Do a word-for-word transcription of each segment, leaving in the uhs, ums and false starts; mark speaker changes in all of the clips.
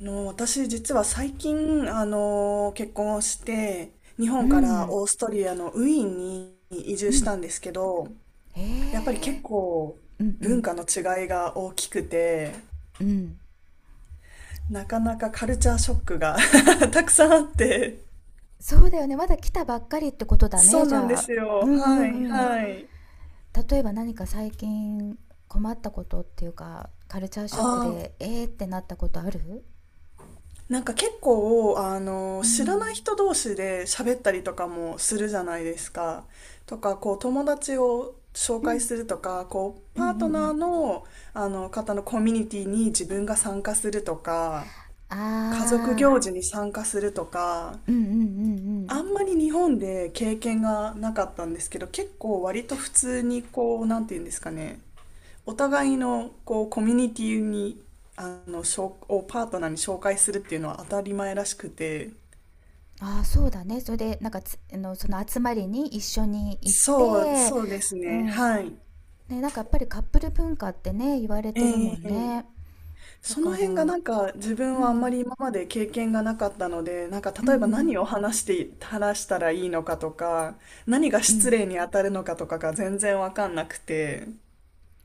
Speaker 1: あの、私実は最近、あの、結婚をして、日
Speaker 2: う
Speaker 1: 本から
Speaker 2: ん。
Speaker 1: オーストリアのウィーンに移
Speaker 2: う
Speaker 1: 住し
Speaker 2: ん。
Speaker 1: たんですけど、
Speaker 2: へ
Speaker 1: やっぱり結
Speaker 2: え。
Speaker 1: 構
Speaker 2: うん。う
Speaker 1: 文
Speaker 2: ん
Speaker 1: 化の違いが大きくて、
Speaker 2: うん。
Speaker 1: なかなかカルチャーショックが たくさんあって。
Speaker 2: そうだよね、まだ来たばっかりってことだ
Speaker 1: そ
Speaker 2: ね、
Speaker 1: う
Speaker 2: じ
Speaker 1: なんで
Speaker 2: ゃあ。
Speaker 1: す
Speaker 2: うん。
Speaker 1: よ。
Speaker 2: う
Speaker 1: はい、
Speaker 2: んうん。
Speaker 1: はい。
Speaker 2: 例えば何か最近困ったことっていうか、カルチャー
Speaker 1: あ
Speaker 2: ショック
Speaker 1: あ、
Speaker 2: でえーってなったことある？
Speaker 1: なんか結構、あの、
Speaker 2: う
Speaker 1: 知らない
Speaker 2: ん。
Speaker 1: 人同士で喋ったりとかもするじゃないですか。とか、こう、友達を紹
Speaker 2: う
Speaker 1: 介
Speaker 2: ん。
Speaker 1: するとか、こう、
Speaker 2: うんうん。う
Speaker 1: パートナー
Speaker 2: ん。
Speaker 1: の、あの、方のコミュニティに自分が参加するとか、家族
Speaker 2: あ
Speaker 1: 行事に参加するとか、
Speaker 2: ー。うん。うんうん。う
Speaker 1: あ
Speaker 2: ん。
Speaker 1: んまり日本で経験がなかったんですけど、結構割と普通にこう、なんて言うんですかね、お互いのこうコミュニティにあのしょをパートナーに紹介するっていうのは当たり前らしくて、
Speaker 2: あー。そうだね。それでなんかつあのその集まりに一緒に行っ
Speaker 1: そう、
Speaker 2: て。
Speaker 1: そうです
Speaker 2: う
Speaker 1: ね。
Speaker 2: ん。
Speaker 1: はい。
Speaker 2: ね、なんかやっぱりカップル文化ってね、言われ
Speaker 1: え
Speaker 2: てるも
Speaker 1: え。
Speaker 2: んね。だ
Speaker 1: その
Speaker 2: か
Speaker 1: 辺が
Speaker 2: ら。
Speaker 1: なんか自
Speaker 2: う
Speaker 1: 分はあんま
Speaker 2: ん。
Speaker 1: り今まで経験がなかったので、なんか
Speaker 2: う
Speaker 1: 例えば何
Speaker 2: ん
Speaker 1: を話して話したらいいのかとか、何が
Speaker 2: うん。う
Speaker 1: 失
Speaker 2: ん。
Speaker 1: 礼に当たるのかとかが全然わかんなくて。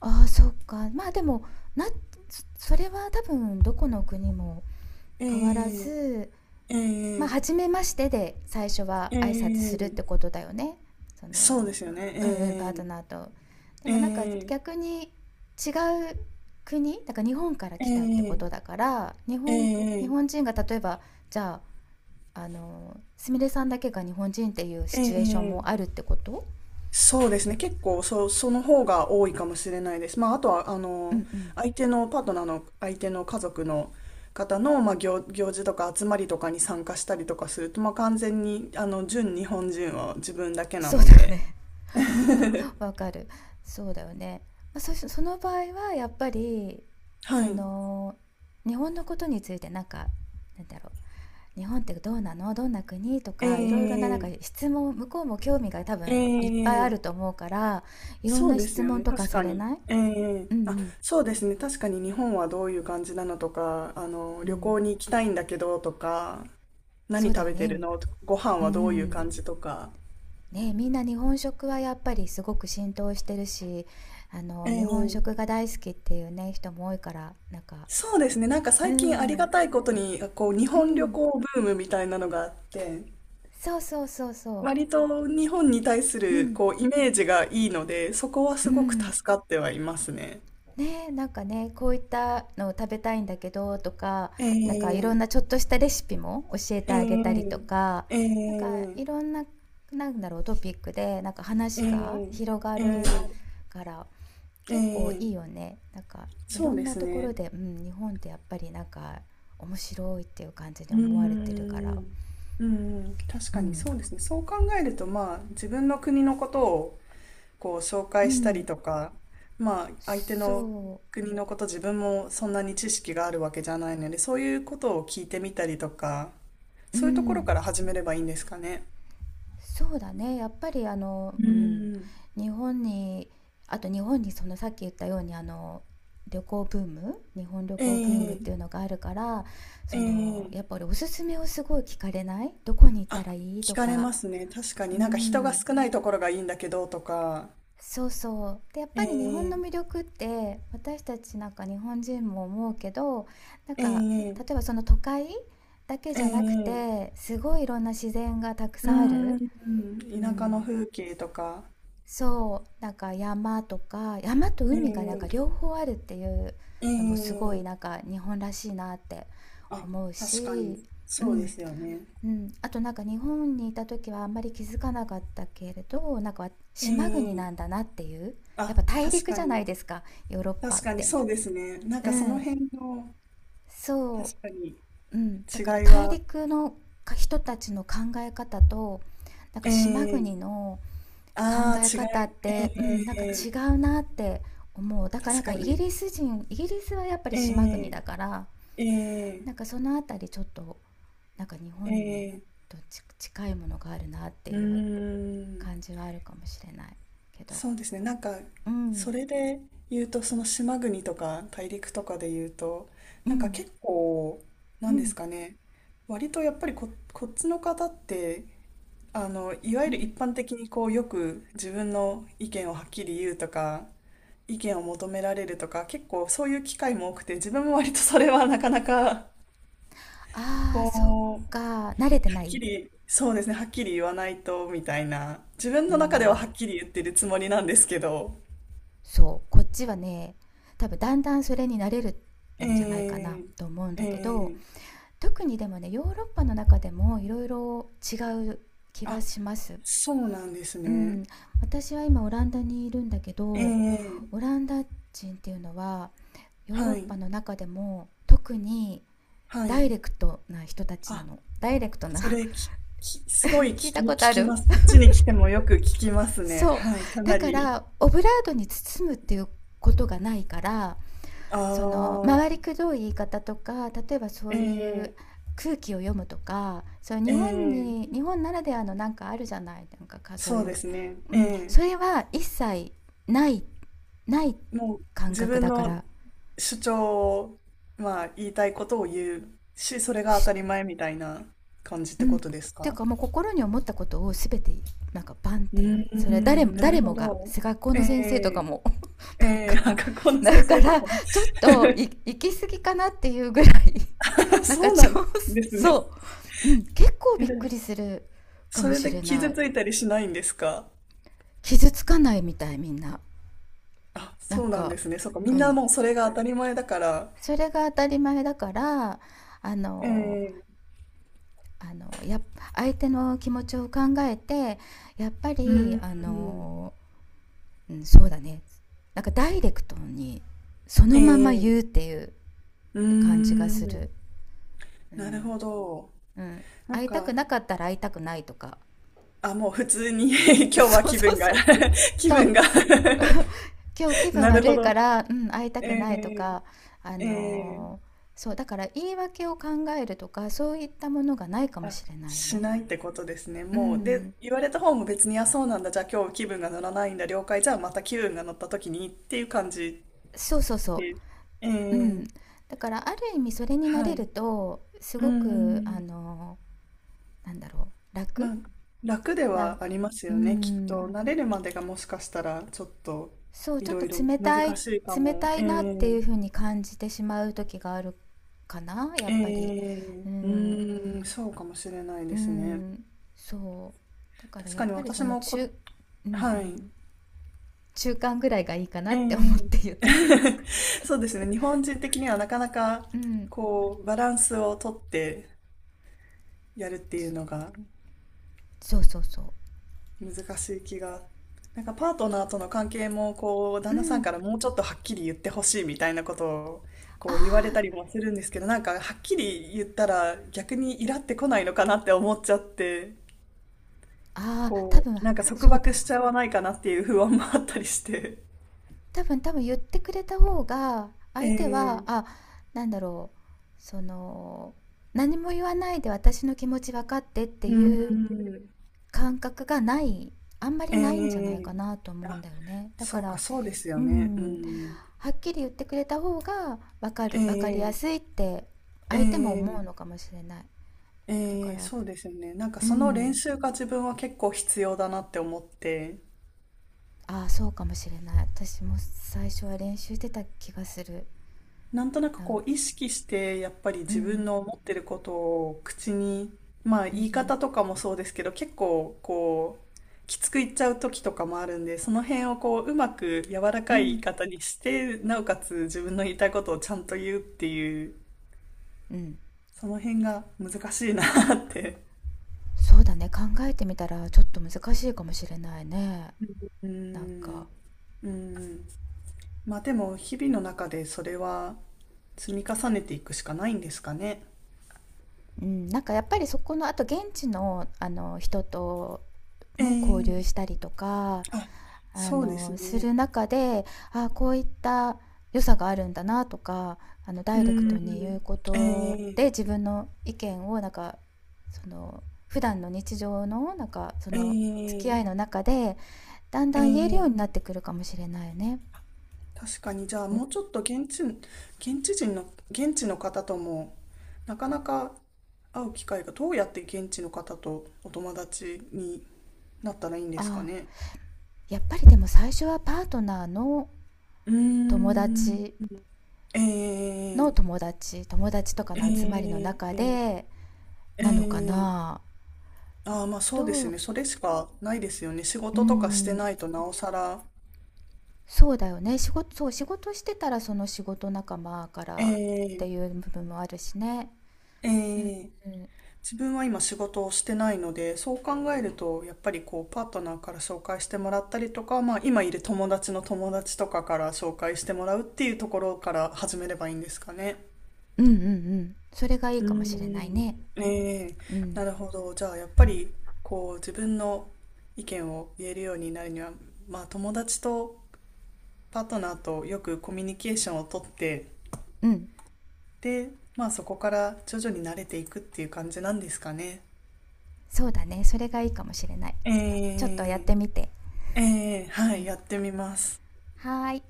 Speaker 2: ああ、そっか。まあ、でも、なそそれは多分どこの国も変わら
Speaker 1: え
Speaker 2: ず、
Speaker 1: え
Speaker 2: まあ、
Speaker 1: ええ
Speaker 2: 初めましてで最初は
Speaker 1: え
Speaker 2: 挨拶するって
Speaker 1: え。
Speaker 2: ことだよね。その、
Speaker 1: そうですよ
Speaker 2: うんうん、パー
Speaker 1: ね。
Speaker 2: トナーと。で
Speaker 1: え
Speaker 2: もなんか
Speaker 1: えええ
Speaker 2: 逆に違う国、だから日本から来たってことだから、日
Speaker 1: え
Speaker 2: 本、日
Speaker 1: ええ
Speaker 2: 本
Speaker 1: え
Speaker 2: 人が例えば、じゃあ、あの、すみれさんだけが日本人っていう
Speaker 1: え
Speaker 2: シチュエーション
Speaker 1: え、
Speaker 2: もあるってこと。
Speaker 1: そうです
Speaker 2: 例え
Speaker 1: ね。
Speaker 2: ば。
Speaker 1: 結構、そ、その方が多いかもしれないです。まあ、あとは、あ
Speaker 2: うんう
Speaker 1: の、
Speaker 2: ん。
Speaker 1: 相手のパートナーの、相手の家族の方の、まあ、行、行事とか集まりとかに参加したりとかすると、まあ、完全に、あの、純日本人は自分だけな
Speaker 2: そう
Speaker 1: の
Speaker 2: だよ
Speaker 1: で。
Speaker 2: ね。 わ、わかる。そうだよね。まあ、そし、その場合はやっぱり、
Speaker 1: は
Speaker 2: そ
Speaker 1: い。
Speaker 2: の、日本のことについてなんか、なんだろう。日本ってどうなの、どんな国と
Speaker 1: え
Speaker 2: か、いろいろななん
Speaker 1: え、
Speaker 2: か質問、向こうも興味が多
Speaker 1: え
Speaker 2: 分いっぱいあ
Speaker 1: え、
Speaker 2: ると思うから、いろん
Speaker 1: そう
Speaker 2: な
Speaker 1: です
Speaker 2: 質
Speaker 1: よ
Speaker 2: 問
Speaker 1: ね。
Speaker 2: とか
Speaker 1: 確
Speaker 2: さ
Speaker 1: か
Speaker 2: れ
Speaker 1: に。
Speaker 2: ない？
Speaker 1: ええ、
Speaker 2: うんう
Speaker 1: あ、
Speaker 2: ん。
Speaker 1: そうですね。確かに日本はどういう感じなのとか、あの、
Speaker 2: う
Speaker 1: 旅
Speaker 2: ん。
Speaker 1: 行に行きたいんだけどとか、
Speaker 2: そ
Speaker 1: 何
Speaker 2: うだ
Speaker 1: 食
Speaker 2: よ
Speaker 1: べ
Speaker 2: ね。
Speaker 1: て
Speaker 2: 今、
Speaker 1: るのとか、ご飯
Speaker 2: う
Speaker 1: はどういう
Speaker 2: ん。
Speaker 1: 感じとか。
Speaker 2: ね、みんな日本食はやっぱりすごく浸透してるし、あ
Speaker 1: え
Speaker 2: の、日本
Speaker 1: え。
Speaker 2: 食が大好きっていうね、人も多いから、なんか、
Speaker 1: そうですね。なんか
Speaker 2: う
Speaker 1: 最近ありが
Speaker 2: ん、
Speaker 1: たいことに、こう、日
Speaker 2: う
Speaker 1: 本旅
Speaker 2: ん、
Speaker 1: 行ブームみたいなのがあって、
Speaker 2: そうそうそうそ
Speaker 1: 割と日本に対す
Speaker 2: う。う
Speaker 1: る、
Speaker 2: ん。
Speaker 1: こう、イメージがいいので、そこは
Speaker 2: う
Speaker 1: すごく
Speaker 2: ん。
Speaker 1: 助かってはいますね。
Speaker 2: ねえ、なんかね、こういったのを食べたいんだけどとか、なんかいろ
Speaker 1: え
Speaker 2: んな
Speaker 1: え
Speaker 2: ちょっとしたレシピも教えてあげたりと
Speaker 1: ええ
Speaker 2: か、
Speaker 1: え
Speaker 2: なんか
Speaker 1: ええ
Speaker 2: いろんな、なんだろう、トピックでなんか話が
Speaker 1: え
Speaker 2: 広が
Speaker 1: え
Speaker 2: るから
Speaker 1: え
Speaker 2: 結構
Speaker 1: ええ。
Speaker 2: いいよね。なんかい
Speaker 1: そ
Speaker 2: ろ
Speaker 1: う
Speaker 2: ん
Speaker 1: で
Speaker 2: な
Speaker 1: す
Speaker 2: ところ
Speaker 1: ね。
Speaker 2: で、うん、日本ってやっぱりなんか面白いっていう感じに
Speaker 1: う
Speaker 2: 思われ
Speaker 1: ー
Speaker 2: てるから。
Speaker 1: ん。うーん、確
Speaker 2: う
Speaker 1: かに
Speaker 2: ん。
Speaker 1: そうですね。そう考えると、まあ、自分の国のことをこう紹
Speaker 2: う
Speaker 1: 介したり
Speaker 2: ん。
Speaker 1: とか、まあ相手の
Speaker 2: そ
Speaker 1: 国のこと自分もそんなに知識があるわけじゃないので、そういうことを聞いてみたりとか、
Speaker 2: う。う
Speaker 1: そういうところから
Speaker 2: ん。
Speaker 1: 始めればいいんですかね。
Speaker 2: そうだね、やっぱりあの、
Speaker 1: う
Speaker 2: うん、
Speaker 1: ん。
Speaker 2: 日本に、あと日本にそのさっき言ったようにあの旅行ブーム、日本旅
Speaker 1: え
Speaker 2: 行ブームってい
Speaker 1: え
Speaker 2: うのがあるから、その
Speaker 1: え
Speaker 2: やっ
Speaker 1: え。
Speaker 2: ぱりおすすめをすごい聞かれない？どこに行った
Speaker 1: あ、
Speaker 2: らいい
Speaker 1: 聞
Speaker 2: と
Speaker 1: かれ
Speaker 2: か、
Speaker 1: ますね。確か
Speaker 2: う
Speaker 1: になんか人が
Speaker 2: ん、
Speaker 1: 少ないところがいいんだけどとか、
Speaker 2: そうそう。で、やっ
Speaker 1: え
Speaker 2: ぱり日本の
Speaker 1: え
Speaker 2: 魅力って私たちなんか日本人も思うけど、なん
Speaker 1: え
Speaker 2: か
Speaker 1: え
Speaker 2: 例えばその都会だけじ
Speaker 1: え
Speaker 2: ゃなく
Speaker 1: え。
Speaker 2: て、すごいいろんな自然がたく
Speaker 1: う
Speaker 2: さんある。
Speaker 1: ん、
Speaker 2: う
Speaker 1: 田舎の
Speaker 2: ん。
Speaker 1: 風景とか、
Speaker 2: そう、なんか山とか、山と海がなんか
Speaker 1: ええ
Speaker 2: 両方あるっていう
Speaker 1: え
Speaker 2: のもすごい
Speaker 1: え。
Speaker 2: なんか日本らしいなって
Speaker 1: あ、
Speaker 2: 思う
Speaker 1: 確かに、
Speaker 2: し、う
Speaker 1: そうで
Speaker 2: ん、
Speaker 1: すよね。
Speaker 2: うん。あとなんか日本にいた時はあんまり気づかなかったけれど、なんか島国
Speaker 1: え
Speaker 2: なん
Speaker 1: え。
Speaker 2: だなっていう。やっ
Speaker 1: あ、
Speaker 2: ぱ大
Speaker 1: 確
Speaker 2: 陸
Speaker 1: か
Speaker 2: じゃない
Speaker 1: に。
Speaker 2: ですか、ヨーロッパ
Speaker 1: 確
Speaker 2: っ
Speaker 1: かに
Speaker 2: て。
Speaker 1: そうですね。なん
Speaker 2: う
Speaker 1: かその
Speaker 2: ん、
Speaker 1: 辺の、
Speaker 2: そ
Speaker 1: 確かに
Speaker 2: う、うん。だから
Speaker 1: 違い
Speaker 2: 大
Speaker 1: は、
Speaker 2: 陸のか人たちの考え方と、なん
Speaker 1: え
Speaker 2: か島
Speaker 1: え。
Speaker 2: 国の
Speaker 1: あ
Speaker 2: 考
Speaker 1: あー、
Speaker 2: え
Speaker 1: 違
Speaker 2: 方っ
Speaker 1: い、
Speaker 2: て、うん、なんか
Speaker 1: え
Speaker 2: 違
Speaker 1: え。
Speaker 2: うなって思う。だからな
Speaker 1: 確
Speaker 2: んか
Speaker 1: か
Speaker 2: イギ
Speaker 1: に、
Speaker 2: リス人イギリスはやっぱり島国
Speaker 1: え
Speaker 2: だから、
Speaker 1: えええ
Speaker 2: なんかそのあたりちょっとなんか日本に
Speaker 1: ええ。
Speaker 2: とち近いものがあるなって
Speaker 1: うー
Speaker 2: いう
Speaker 1: ん、
Speaker 2: 感じはあるかもしれないけど。
Speaker 1: そうですね。なんか、
Speaker 2: う
Speaker 1: そ
Speaker 2: ん。
Speaker 1: れで言うと、その島国とか大陸とかで言うと、
Speaker 2: う
Speaker 1: なんか
Speaker 2: ん。
Speaker 1: 結構、
Speaker 2: う
Speaker 1: なんで
Speaker 2: ん。
Speaker 1: すかね。割とやっぱりこ、こっちの方ってあの、いわ
Speaker 2: う
Speaker 1: ゆる
Speaker 2: ん。
Speaker 1: 一般的にこう、よく自分の意見をはっきり言うとか、意見を求められるとか、結構そういう機会も多くて、自分も割とそれはなかなか、
Speaker 2: あー、そっ
Speaker 1: こう、は
Speaker 2: か、慣れてな
Speaker 1: っき
Speaker 2: い。
Speaker 1: り、そうですね、はっきり言わないと、みたいな。自分
Speaker 2: う
Speaker 1: の中ではは
Speaker 2: ん、
Speaker 1: っきり言ってるつもりなんですけど。
Speaker 2: そうこっちはね、多分だんだんそれに慣れる
Speaker 1: え
Speaker 2: んじゃないかな
Speaker 1: え。
Speaker 2: と思うん
Speaker 1: え
Speaker 2: だけど、
Speaker 1: ー、
Speaker 2: 特にでもね、ヨーロッパの中でもいろいろ違う気は
Speaker 1: あ、
Speaker 2: します。
Speaker 1: そうなんです
Speaker 2: う
Speaker 1: ね。
Speaker 2: ん、私は今オランダにいるんだけ
Speaker 1: え
Speaker 2: ど、
Speaker 1: え。
Speaker 2: オランダ人っていうのはヨーロッ
Speaker 1: はい、
Speaker 2: パの中でも特に
Speaker 1: は
Speaker 2: ダ
Speaker 1: い。
Speaker 2: イレクトな人たちな
Speaker 1: あ、
Speaker 2: の。ダイレクトな。
Speaker 1: それ、き、き、すごい
Speaker 2: 聞い
Speaker 1: 聞き、
Speaker 2: たこ
Speaker 1: 聞
Speaker 2: とあ
Speaker 1: き
Speaker 2: る。
Speaker 1: ます。こっちに来てもよく聞きますね。
Speaker 2: そ
Speaker 1: はい、か
Speaker 2: うだ
Speaker 1: な
Speaker 2: か
Speaker 1: り。
Speaker 2: らオブラートに包むっていうことがないから、
Speaker 1: あ
Speaker 2: その回り
Speaker 1: あ、
Speaker 2: くどい言い方とか、例えばそ
Speaker 1: え
Speaker 2: ういう
Speaker 1: え、
Speaker 2: 空気を読むとか、そう、日
Speaker 1: え
Speaker 2: 本
Speaker 1: え、
Speaker 2: に日本ならではのなんかあるじゃない、なんかかそう
Speaker 1: そ
Speaker 2: い
Speaker 1: うで
Speaker 2: う、
Speaker 1: すね。
Speaker 2: う
Speaker 1: え
Speaker 2: ん、
Speaker 1: え、
Speaker 2: それは一切ない。ない
Speaker 1: もう
Speaker 2: 感
Speaker 1: 自
Speaker 2: 覚
Speaker 1: 分
Speaker 2: だか
Speaker 1: の
Speaker 2: ら、
Speaker 1: 主張を、まあ、言いたいことを言うし、それが当たり前みたいな感じっ
Speaker 2: う
Speaker 1: て
Speaker 2: ん、っ
Speaker 1: ことです
Speaker 2: て
Speaker 1: か。
Speaker 2: いうかもう心に思ったことを全てなんかバンっ
Speaker 1: うー
Speaker 2: ていう、それは誰も
Speaker 1: ん、なる
Speaker 2: 誰
Speaker 1: ほ
Speaker 2: もが
Speaker 1: ど。
Speaker 2: 学校
Speaker 1: え
Speaker 2: の先生とか
Speaker 1: え、
Speaker 2: も
Speaker 1: え
Speaker 2: なん
Speaker 1: え、あ、学校の先
Speaker 2: か、 だか
Speaker 1: 生とか
Speaker 2: ら
Speaker 1: も。
Speaker 2: ちょっとい行き過ぎかなっていうぐらい、 なんか
Speaker 1: そう
Speaker 2: ちょ
Speaker 1: なんですね。
Speaker 2: そう、うん、結構
Speaker 1: え、
Speaker 2: びっ
Speaker 1: で
Speaker 2: く
Speaker 1: も
Speaker 2: りするか
Speaker 1: そ
Speaker 2: も
Speaker 1: れ
Speaker 2: し
Speaker 1: で
Speaker 2: れな
Speaker 1: 傷
Speaker 2: い。
Speaker 1: ついたりしないんですか。
Speaker 2: 傷つかないみたい、みんな。
Speaker 1: あ、
Speaker 2: なん
Speaker 1: そうなん
Speaker 2: か、
Speaker 1: ですね。そっか、み
Speaker 2: う
Speaker 1: んな
Speaker 2: ん、
Speaker 1: もうそれが当たり前だから。
Speaker 2: それが当たり前だから、あ
Speaker 1: え
Speaker 2: の
Speaker 1: え。
Speaker 2: あのや相手の気持ちを考えてやっぱ
Speaker 1: う
Speaker 2: り
Speaker 1: ん、
Speaker 2: あの、うん、そうだね、なんかダイレクトにそのまま
Speaker 1: ええ。
Speaker 2: 言うっていう
Speaker 1: うー
Speaker 2: 感じがす
Speaker 1: ん、
Speaker 2: る、う
Speaker 1: なる
Speaker 2: ん、
Speaker 1: ほど。
Speaker 2: うん、
Speaker 1: なん
Speaker 2: 会いたく
Speaker 1: か、
Speaker 2: なかったら会いたくないとか、
Speaker 1: あ、もう普通に 今 日は
Speaker 2: そう
Speaker 1: 気
Speaker 2: そう
Speaker 1: 分が
Speaker 2: そう
Speaker 1: 気
Speaker 2: そう、
Speaker 1: 分が
Speaker 2: 今日気 分
Speaker 1: なる
Speaker 2: 悪
Speaker 1: ほ
Speaker 2: いか
Speaker 1: ど。
Speaker 2: ら、うん、会いた
Speaker 1: え
Speaker 2: くないとか、あ
Speaker 1: えええ。
Speaker 2: のーそうだから言い訳を考えるとか、そういったものがないかも
Speaker 1: あ、
Speaker 2: しれない
Speaker 1: し
Speaker 2: ね。
Speaker 1: ないってことですね。
Speaker 2: う
Speaker 1: もう、で、
Speaker 2: ん、
Speaker 1: 言われた方も別に、あ、そうなんだ。じゃあ今日気分が乗らないんだ。了解。じゃあまた気分が乗った時にっていう感じ
Speaker 2: そうそうそ
Speaker 1: で。え
Speaker 2: う、うん、
Speaker 1: え。
Speaker 2: だからある意味それにな
Speaker 1: は
Speaker 2: れる
Speaker 1: い。
Speaker 2: とす
Speaker 1: うー
Speaker 2: ごくあ
Speaker 1: ん。
Speaker 2: のーなんだろう、楽
Speaker 1: まあ、楽で
Speaker 2: な、
Speaker 1: はあります
Speaker 2: う
Speaker 1: よね、きっと。
Speaker 2: ん、
Speaker 1: 慣れるまでがもしかしたら、ちょっと、
Speaker 2: そう、
Speaker 1: い
Speaker 2: ちょっ
Speaker 1: ろ
Speaker 2: と
Speaker 1: いろ
Speaker 2: 冷
Speaker 1: 難
Speaker 2: たい、
Speaker 1: しいか
Speaker 2: 冷
Speaker 1: も。
Speaker 2: たい
Speaker 1: え
Speaker 2: なってい
Speaker 1: え
Speaker 2: う風に感じてしまう時があるかな、や
Speaker 1: え
Speaker 2: っぱり。
Speaker 1: え。
Speaker 2: う
Speaker 1: う
Speaker 2: ん、
Speaker 1: ーん、そうかもしれない
Speaker 2: う
Speaker 1: ですね。
Speaker 2: ん、そう。だから
Speaker 1: 確
Speaker 2: やっ
Speaker 1: かに
Speaker 2: ぱりそ
Speaker 1: 私
Speaker 2: の
Speaker 1: も
Speaker 2: 中、
Speaker 1: こ、
Speaker 2: うんう
Speaker 1: は
Speaker 2: ん、
Speaker 1: い。
Speaker 2: 中間ぐらいがいいかな
Speaker 1: え
Speaker 2: って思っ
Speaker 1: え。
Speaker 2: て言った。
Speaker 1: そうですね。日本人的にはなかなか、
Speaker 2: うん、
Speaker 1: こう、バランスをとってやるっていうのが
Speaker 2: そうそうそ
Speaker 1: 難しい気が。なんかパートナーとの関係も、こう、
Speaker 2: う、う
Speaker 1: 旦那さん
Speaker 2: ん、
Speaker 1: からもうちょっとはっきり言ってほしいみたいなことを、
Speaker 2: あ
Speaker 1: こう言われた
Speaker 2: ー、
Speaker 1: りもするんですけど、なんかはっきり言ったら逆にイラってこないのかなって思っちゃって、
Speaker 2: あー、あ、多
Speaker 1: こ
Speaker 2: 分、
Speaker 1: う、なんか束
Speaker 2: そう
Speaker 1: 縛
Speaker 2: だ、
Speaker 1: しちゃわないかなっていう不安もあったりして。
Speaker 2: 多分多分言ってくれた方が、相手は、
Speaker 1: ええ。
Speaker 2: あ、なんだろう、その、何も言わないで私の気持ち分かってって
Speaker 1: うん、
Speaker 2: いう感覚がない、あんまり
Speaker 1: え
Speaker 2: ないんじゃないか
Speaker 1: え。
Speaker 2: なと思うん
Speaker 1: あ、
Speaker 2: だよね。だか
Speaker 1: そうか、
Speaker 2: ら、
Speaker 1: そうです
Speaker 2: う
Speaker 1: よね。う
Speaker 2: ん、
Speaker 1: ん、
Speaker 2: はっきり言ってくれた方が分かる分かりや
Speaker 1: ええ
Speaker 2: すいって
Speaker 1: え
Speaker 2: 相手も思うの
Speaker 1: え
Speaker 2: かもしれない。だ
Speaker 1: え
Speaker 2: か
Speaker 1: え、
Speaker 2: ら、
Speaker 1: そうですよね。なんか
Speaker 2: う
Speaker 1: その練
Speaker 2: ん、
Speaker 1: 習が自分は結構必要だなって思って、
Speaker 2: ああ、そうかもしれない、私も最初は練習してた気がする
Speaker 1: なんとなく
Speaker 2: な。
Speaker 1: こう意識してやっぱり
Speaker 2: う
Speaker 1: 自分
Speaker 2: ん。
Speaker 1: の思ってることを口に、まあ
Speaker 2: う
Speaker 1: 言い
Speaker 2: ん。
Speaker 1: 方とかもそうですけど、結構こうきつく言っちゃう時とかもあるんで、その辺をこううまく柔ら
Speaker 2: う
Speaker 1: かい言い
Speaker 2: ん。
Speaker 1: 方にして、なおかつ自分の言いたいことをちゃんと言うっていう、
Speaker 2: うん。うん。
Speaker 1: その辺が難しいなって。
Speaker 2: そうだね、考えてみたらちょっと難しいかもしれないね、
Speaker 1: うー
Speaker 2: なん
Speaker 1: ん。
Speaker 2: か、
Speaker 1: うーん。まあでも日々の中でそれは積み重ねていくしかないんですかね。
Speaker 2: うん、なんかやっぱりそこのあと現地のあの人と
Speaker 1: ええ。
Speaker 2: も交流したりとか、
Speaker 1: あ、
Speaker 2: あ
Speaker 1: そうです
Speaker 2: の、す
Speaker 1: ね。
Speaker 2: る中で、あ、こういった良さがあるんだなとか、あの、ダイレクト
Speaker 1: う
Speaker 2: に言うこ
Speaker 1: ん。え
Speaker 2: とで、
Speaker 1: え
Speaker 2: 自分の意見をなんか、その、普段の日常のなんか、その、付き
Speaker 1: ええ
Speaker 2: 合いの中で、だん
Speaker 1: え
Speaker 2: だん言える
Speaker 1: え。
Speaker 2: ようになってくるかもしれないよね。
Speaker 1: 確かに、じゃあ
Speaker 2: うん、
Speaker 1: もうちょっと現地、現地人の、現地の方とも、なかなか会う機会が、どうやって現地の方とお友達になったらいいんですか
Speaker 2: あ、
Speaker 1: ね。
Speaker 2: やっぱりでも最初はパートナーの
Speaker 1: うー
Speaker 2: 友
Speaker 1: ん。
Speaker 2: 達
Speaker 1: え
Speaker 2: の
Speaker 1: え
Speaker 2: 友達、友達とかの集まりの
Speaker 1: え
Speaker 2: 中
Speaker 1: え
Speaker 2: で
Speaker 1: え
Speaker 2: なのか
Speaker 1: え。
Speaker 2: な。
Speaker 1: ああ、まあそうです
Speaker 2: と、
Speaker 1: ね。それしかないですよね。仕
Speaker 2: う
Speaker 1: 事とかして
Speaker 2: ん、
Speaker 1: ないとなおさら。
Speaker 2: そうだよね。仕事、そう、仕事してたらその仕事仲間か
Speaker 1: え
Speaker 2: らって
Speaker 1: え
Speaker 2: いう部分もあるしね。
Speaker 1: え
Speaker 2: うん、
Speaker 1: え。
Speaker 2: うん、
Speaker 1: 自分は今仕事をしてないので、そう考えると、やっぱりこう、パートナーから紹介してもらったりとか、まあ今いる友達の友達とかから紹介してもらうっていうところから始めればいいんですかね。
Speaker 2: うんうんうん、それがいい
Speaker 1: うー
Speaker 2: かもしれない
Speaker 1: ん。
Speaker 2: ね。
Speaker 1: ええ。
Speaker 2: う
Speaker 1: な
Speaker 2: ん、
Speaker 1: るほど。じゃあ、やっ
Speaker 2: う
Speaker 1: ぱ
Speaker 2: ん、
Speaker 1: り、こう、自分の意見を言えるようになるには、まあ、友達とパートナーとよくコミュニケーションをとって、
Speaker 2: うん。
Speaker 1: で、まあそこから徐々に慣れていくっていう感じなんですかね。
Speaker 2: そうだね。それがいいかもしれない。
Speaker 1: え
Speaker 2: ちょっとやっ
Speaker 1: ー、
Speaker 2: てみて。
Speaker 1: えー、は
Speaker 2: う
Speaker 1: い、
Speaker 2: ん。
Speaker 1: やってみます。
Speaker 2: はーい。